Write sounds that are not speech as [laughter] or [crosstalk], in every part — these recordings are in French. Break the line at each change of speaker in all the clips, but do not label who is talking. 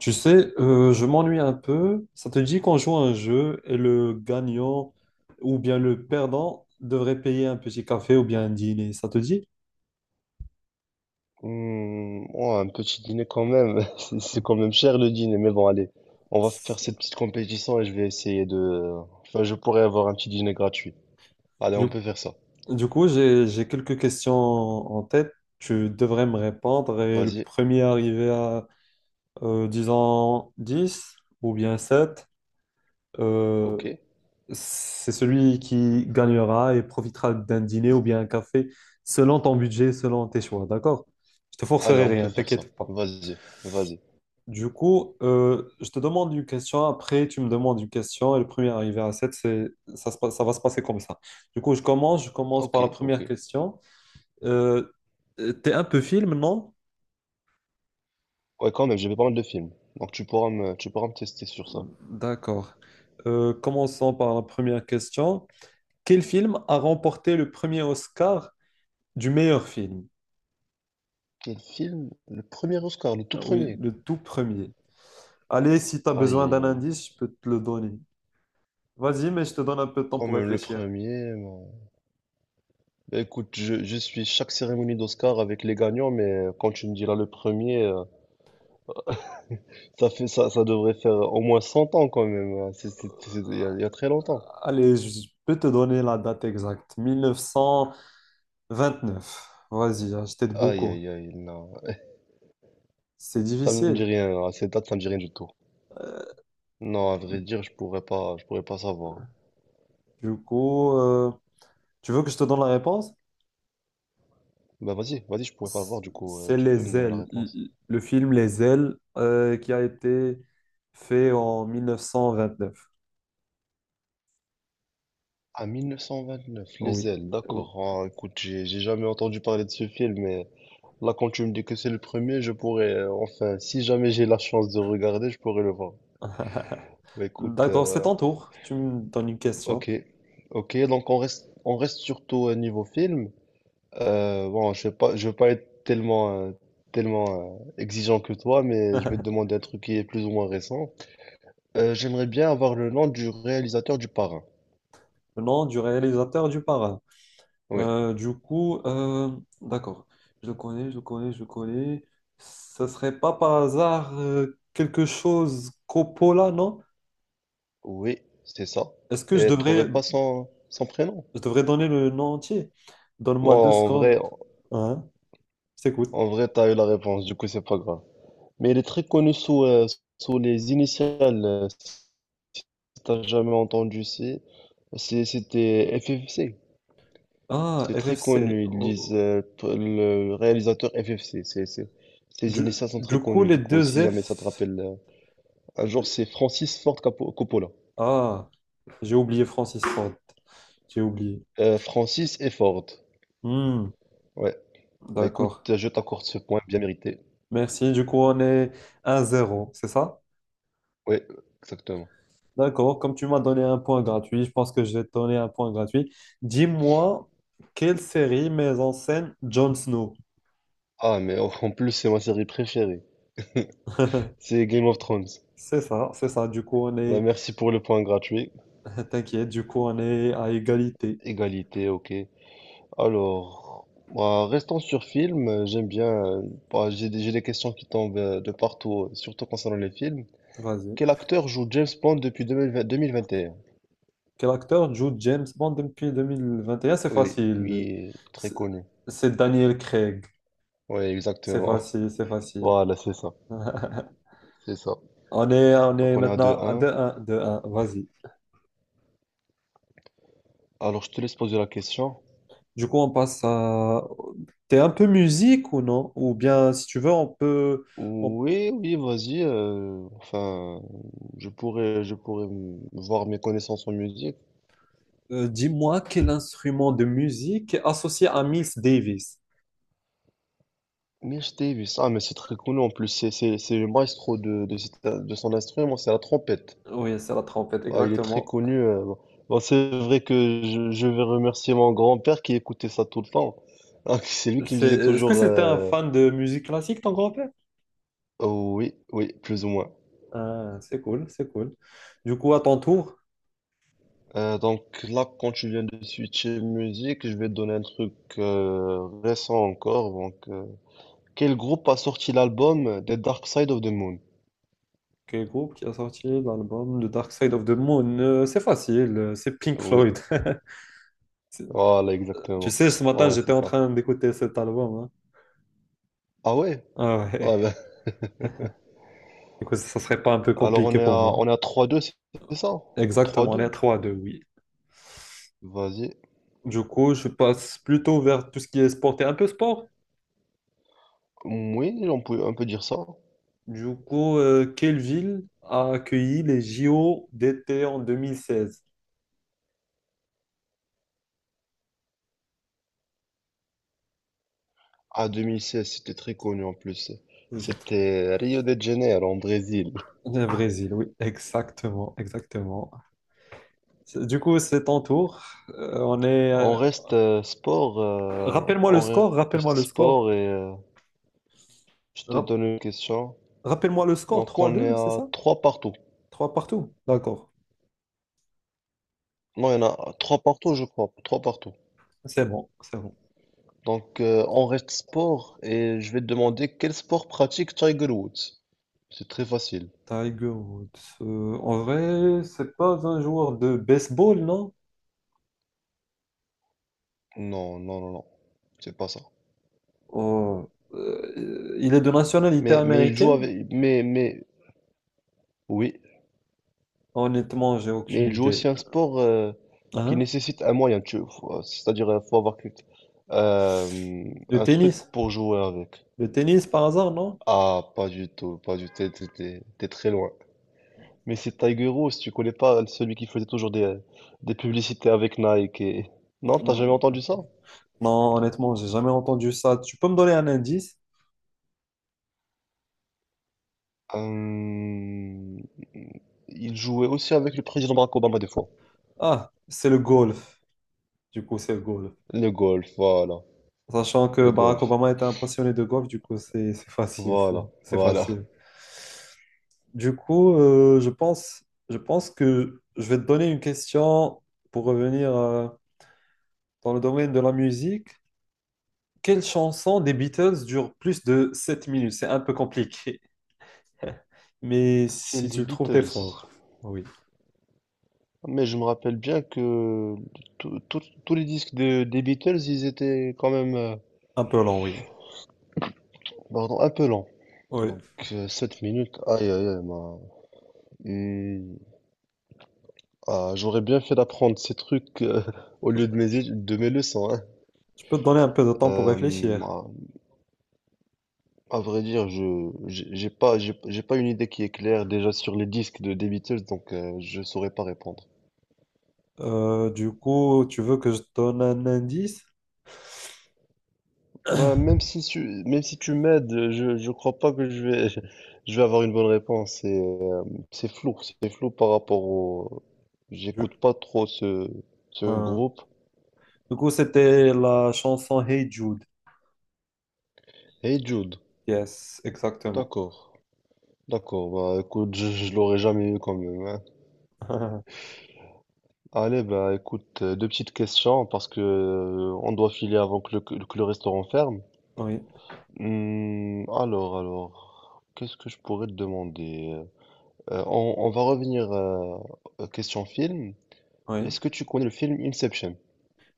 Tu sais, je m'ennuie un peu. Ça te dit qu'on joue à un jeu et le gagnant ou bien le perdant devrait payer un petit café ou bien un dîner. Ça te dit?
Hmm, ouais, un petit dîner quand même. [laughs] C'est quand même cher le dîner, mais bon, allez, on va faire cette petite compétition et je vais essayer de. Enfin, je pourrais avoir un petit dîner gratuit. Allez,
Du,
on peut faire ça.
du coup, j'ai quelques questions en tête. Tu devrais me répondre et le
Vas-y,
premier arrivé à, disons, 10 ou bien 7, euh,
ok.
c'est celui qui gagnera et profitera d'un dîner ou bien un café selon ton budget, selon tes choix. D'accord? Je te
Allez,
forcerai
on peut
rien,
faire ça.
t'inquiète pas.
Vas-y, vas-y.
Du coup, je te demande une question, après tu me demandes une question, et le premier arrivé à 7, c'est, ça, se passe- ça va se passer comme ça. Du coup, je commence
Ok,
par la
ok.
première question. Euh, t'es un peu film, non?
Ouais, quand même, j'ai vu pas mal de films. Donc tu pourras me tester sur ça.
D'accord. Commençons par la première question. Quel film a remporté le premier Oscar du meilleur film?
Quel film? Le premier Oscar, le tout
Ah oui,
premier.
le tout premier. Allez, si tu as
Aïe,
besoin
aïe,
d'un
aïe.
indice, je peux te le donner. Vas-y, mais je te donne un peu de temps
Quand
pour
même le
réfléchir.
premier. Bon, bah, écoute, je suis chaque cérémonie d'Oscar avec les gagnants, mais quand tu me diras le premier. Ça devrait faire au moins 100 ans quand même, hein. Il y a très longtemps.
Allez, je peux te donner la date exacte. 1929. Vas-y, hein, je t'aide
Aïe,
beaucoup.
aïe, aïe, non.
C'est
Ça me dit
difficile.
rien. À cette date, ça me dit rien du tout.
Euh,
Non, à vrai dire, je pourrais pas savoir.
Du coup, euh, tu veux que je te donne la réponse?
Bah vas-y, vas-y, je pourrais pas
C-
voir du coup.
C'est
Tu peux me
Les
donner la
Ailes.
réponse.
Le film Les Ailes qui a été fait en 1929.
À 929, Les
Oui.
Ailes,
Oui.
d'accord. Ah, écoute, j'ai jamais entendu parler de ce film, mais là, quand tu me dis que c'est le premier, je pourrais, enfin, si jamais j'ai la chance de regarder, je pourrais le voir.
[laughs]
Bah écoute,
D'accord, c'est ton tour. Tu me donnes une question.
ok, ok. Donc on reste surtout au niveau film. Bon, je vais pas être tellement, tellement exigeant que toi,
[laughs]
mais je vais te
Le
demander un truc qui est plus ou moins récent. J'aimerais bien avoir le nom du réalisateur du Parrain.
nom du réalisateur du Parrain.
Oui,
Euh, du coup, euh, d'accord. Je le connais. Ça serait pas par hasard quelque chose Coppola, non?
oui, c'est ça.
Est-ce que
Et t'aurais pas son prénom?
je devrais donner le nom entier? Donne-moi deux
Bon, en
secondes.
vrai,
Hein? Je t'écoute.
t'as eu la réponse, du coup, c'est pas grave. Mais il est très connu sous les initiales. Si t'as jamais entendu, c'était FFC.
Ah,
C'est très
FFC.
connu. Ils
Oh,
disent,
oh.
le réalisateur FFC. Ses
Du,
initiales sont très
du coup,
connues.
les
Du coup,
deux
si jamais ça te
F.
rappelle, un jour, c'est Francis Ford Coppola.
Ah, j'ai oublié Francis Ford. J'ai oublié.
Francis et Ford.
Hmm,
Ouais. Bah
d'accord.
écoute, je t'accorde ce point bien mérité.
Merci. Du coup, on est un zéro, c'est ça?
Ouais, exactement.
D'accord, comme tu m'as donné un point gratuit, je pense que je vais te donner un point gratuit. Dis-moi, quelle série met en scène Jon Snow?
Ah, mais en plus, c'est ma série préférée. C'est Game of Thrones.
C'est ça, c'est ça. Du coup, on
Bah
est...
merci pour le point gratuit.
[laughs] T'inquiète, du coup, on est à égalité.
Égalité, ok. Alors, bah, restons sur film. J'aime bien. Bah, j'ai des questions qui tombent de partout, surtout concernant les films.
Vas-y.
Quel acteur joue James Bond depuis 2020 2021?
Quel acteur joue James Bond depuis deux mille vingt et un? C'est
Oui,
facile.
lui est très
C'est
connu.
c'est Daniel Craig.
Oui,
C'est
exactement.
facile, c'est
[laughs]
facile.
Voilà, c'est ça.
[laughs]
C'est ça.
On
Donc
est
on est à
maintenant à deux
2-1.
1 deux. 1 Vas-y.
Alors je te laisse poser la question.
Du coup, on passe à... T'es un peu musique ou non? Ou bien, si tu veux, on peut... on-
Oui, oui, vas-y. Enfin, je pourrais voir mes connaissances en musique.
dis-moi quel instrument de musique est associé à Miles Davis.
Mais je t'ai vu ça, mais c'est très connu en plus. C'est le maestro de son instrument, c'est la trompette.
Oui, c'est la trompette,
Ah, il est très
exactement.
connu. Bon, c'est vrai que je vais remercier mon grand-père qui écoutait ça tout le temps. Ah, c'est lui qui me disait
Est-ce que
toujours
c'était un fan de musique classique, ton grand-père?
oh oui, oui, plus ou moins.
Ah, c'est cool, c'est cool. Du coup, à ton tour,
Donc là, quand tu viens de switcher musique, je vais te donner un truc récent encore. Donc, quel groupe a sorti l'album The Dark Side of the Moon?
quel groupe qui a sorti l'album The Dark Side of the Moon? C'est facile, c'est Pink
Oui,
Floyd. [laughs] C'est-
voilà,
Tu
exactement.
sais, ce matin,
Voilà,
j'étais
c'est
en
ça.
train d'écouter cet album, hein.
Ah ouais?
Ah
Ah
ouais,
ben,
[laughs] du coup, ça serait pas un peu
alors
compliqué pour moi.
on est à 3-2, c'est ça? trois
Exactement, les
deux
trois deux, oui.
Vas-y.
Du coup, je passe plutôt vers tout ce qui est sport et un peu sport.
Oui, on peut dire ça.
Du coup, quelle ville a accueilli les JO d'été en 2016?
Ah, 2016, c'était très connu en plus.
Vous êtes-
C'était Rio de Janeiro, en Brésil.
Le Brésil, oui, exactement, exactement. Du coup, c'est ton tour. On est. Rappelle-moi le
On
score, rappelle-moi
reste
le score.
sport et je te
Rap-
donne une question.
Rappelle-moi le score.
Donc,
Trois
on est
deux, c'est
à
ça?
trois partout.
3 partout. D'accord,
Non, il y en a trois partout, je crois. Trois partout.
c'est bon, c'est bon.
Donc, on reste sport et je vais te demander quel sport pratique Tiger Woods. C'est très facile.
Tiger Woods. En vrai, c'est pas un joueur de baseball, non?
Non, non, non, non. C'est pas ça.
Oh, il est de nationalité
Mais il joue
américaine?
avec. Oui,
Honnêtement, j'ai
mais
aucune
il joue
idée.
aussi un sport qui
Hein?
nécessite un moyen, tu vois. C'est-à-dire, il faut avoir
Le
un truc
tennis?
pour jouer avec.
Le tennis par hasard, non?
Ah, pas du tout, pas du tout, t'es très loin. Mais c'est Tiger Woods, tu connais pas celui qui faisait toujours des publicités avec Nike et... Non, t'as
Mm,
jamais entendu ça?
non, honnêtement, j'ai jamais entendu ça. Tu peux me donner un indice?
Euh, il jouait aussi avec le président Barack Obama des fois.
Ah, c'est le golf. Du coup, c'est le golf.
Le golf, voilà.
Sachant que
Le
Barack
golf,
Obama était un passionné de golf, du coup, c'est facile.
voilà,
Fou. C'est
voilà.
facile. Du coup, je pense que je vais te donner une question pour revenir dans le domaine de la musique. Quelle chanson des Beatles dure plus de 7 minutes? C'est un peu compliqué, mais
C'est
si tu
les
le trouves, t'es
Beatles.
fort. Oui,
Mais je me rappelle bien que tous les disques des Beatles, ils étaient quand même
un peu long, oui.
pardon, un peu lents.
Oui,
Donc 7 minutes, aïe aïe aïe, Hmm. Ah, j'aurais bien fait d'apprendre ces trucs [laughs] au lieu de de mes leçons, hein.
je peux te donner un peu de temps pour
Euh,
réfléchir.
à vrai dire, je j'ai j'ai pas une idée qui est claire déjà sur les disques de des Beatles, donc je saurais pas répondre.
Du coup, tu veux que je te donne un indice?
Bah, même si tu m'aides, je crois pas que [laughs] je vais avoir une bonne réponse. C'est flou, c'est flou par rapport
Du,
j'écoute pas trop ce
un.
groupe.
Du coup, c'était la chanson Hey Jude.
Hey Jude,
Yes, exactement.
d'accord, d'accord, bah, écoute, je l'aurais jamais eu quand même, hein.
[laughs]
Allez, bah, écoute, deux petites questions parce que, on doit filer avant que que le restaurant ferme.
Oui,
Hmm, alors, qu'est-ce que je pourrais te demander? On va revenir, question film.
oui.
Est-ce que tu connais le film Inception?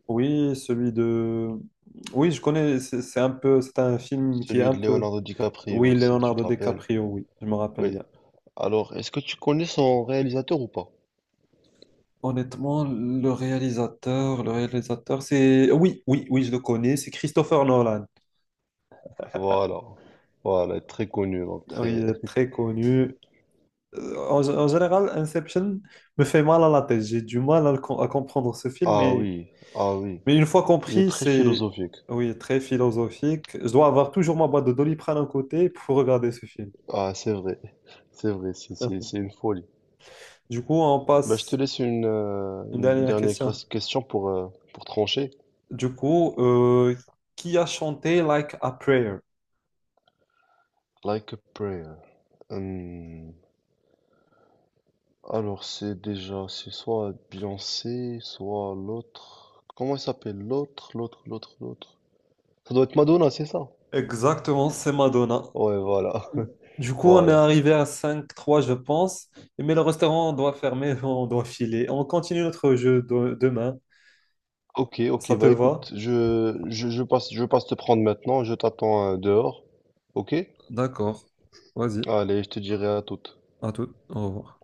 Oui, celui de... Oui, je connais, c'est un film qui est
Celui
un
de
peu...
Leonardo
Oui,
DiCaprio, si tu te
Leonardo
rappelles.
DiCaprio, oui, je me rappelle
Oui.
bien.
Alors, est-ce que tu connais son réalisateur ou pas?
Honnêtement, le réalisateur, c'est... Oui, oui, oui, je le connais, c'est Christopher Nolan.
Voilà. Voilà, très connu, donc
Oui,
très... [laughs]
très connu. En général, Inception me fait mal à la tête. J'ai du mal à, à comprendre ce film,
Ah oui, ah oui.
mais une fois
Il est
compris,
très
c'est...
philosophique.
Oui, très philosophique. Je dois avoir toujours ma boîte de Doliprane à côté pour regarder ce film.
Ah, c'est vrai. [laughs] C'est vrai,
[laughs]
c'est une folie.
Du coup, on
Bah, je te
passe
laisse
une
une
dernière
dernière
question.
question pour trancher.
Du coup, qui a chanté Like a Prayer?
Like a prayer. Hum, Alors, c'est déjà, c'est soit Beyoncé, soit l'autre. Comment elle s'appelle? L'autre, l'autre, l'autre, l'autre. Ça doit être Madonna, c'est ça?
Exactement, c'est Madonna.
Ouais, voilà, [laughs]
Du coup, on est
voilà.
arrivé à cinq trois, je pense. Mais le restaurant doit fermer, [laughs] on doit filer. On continue notre demain.
Ok, ok,
Ça te
bah
va?
écoute, je passe te prendre maintenant, je t'attends dehors. Ok?
D'accord. Vas-y,
Allez, je te dirai à toute.
à tout. Au revoir.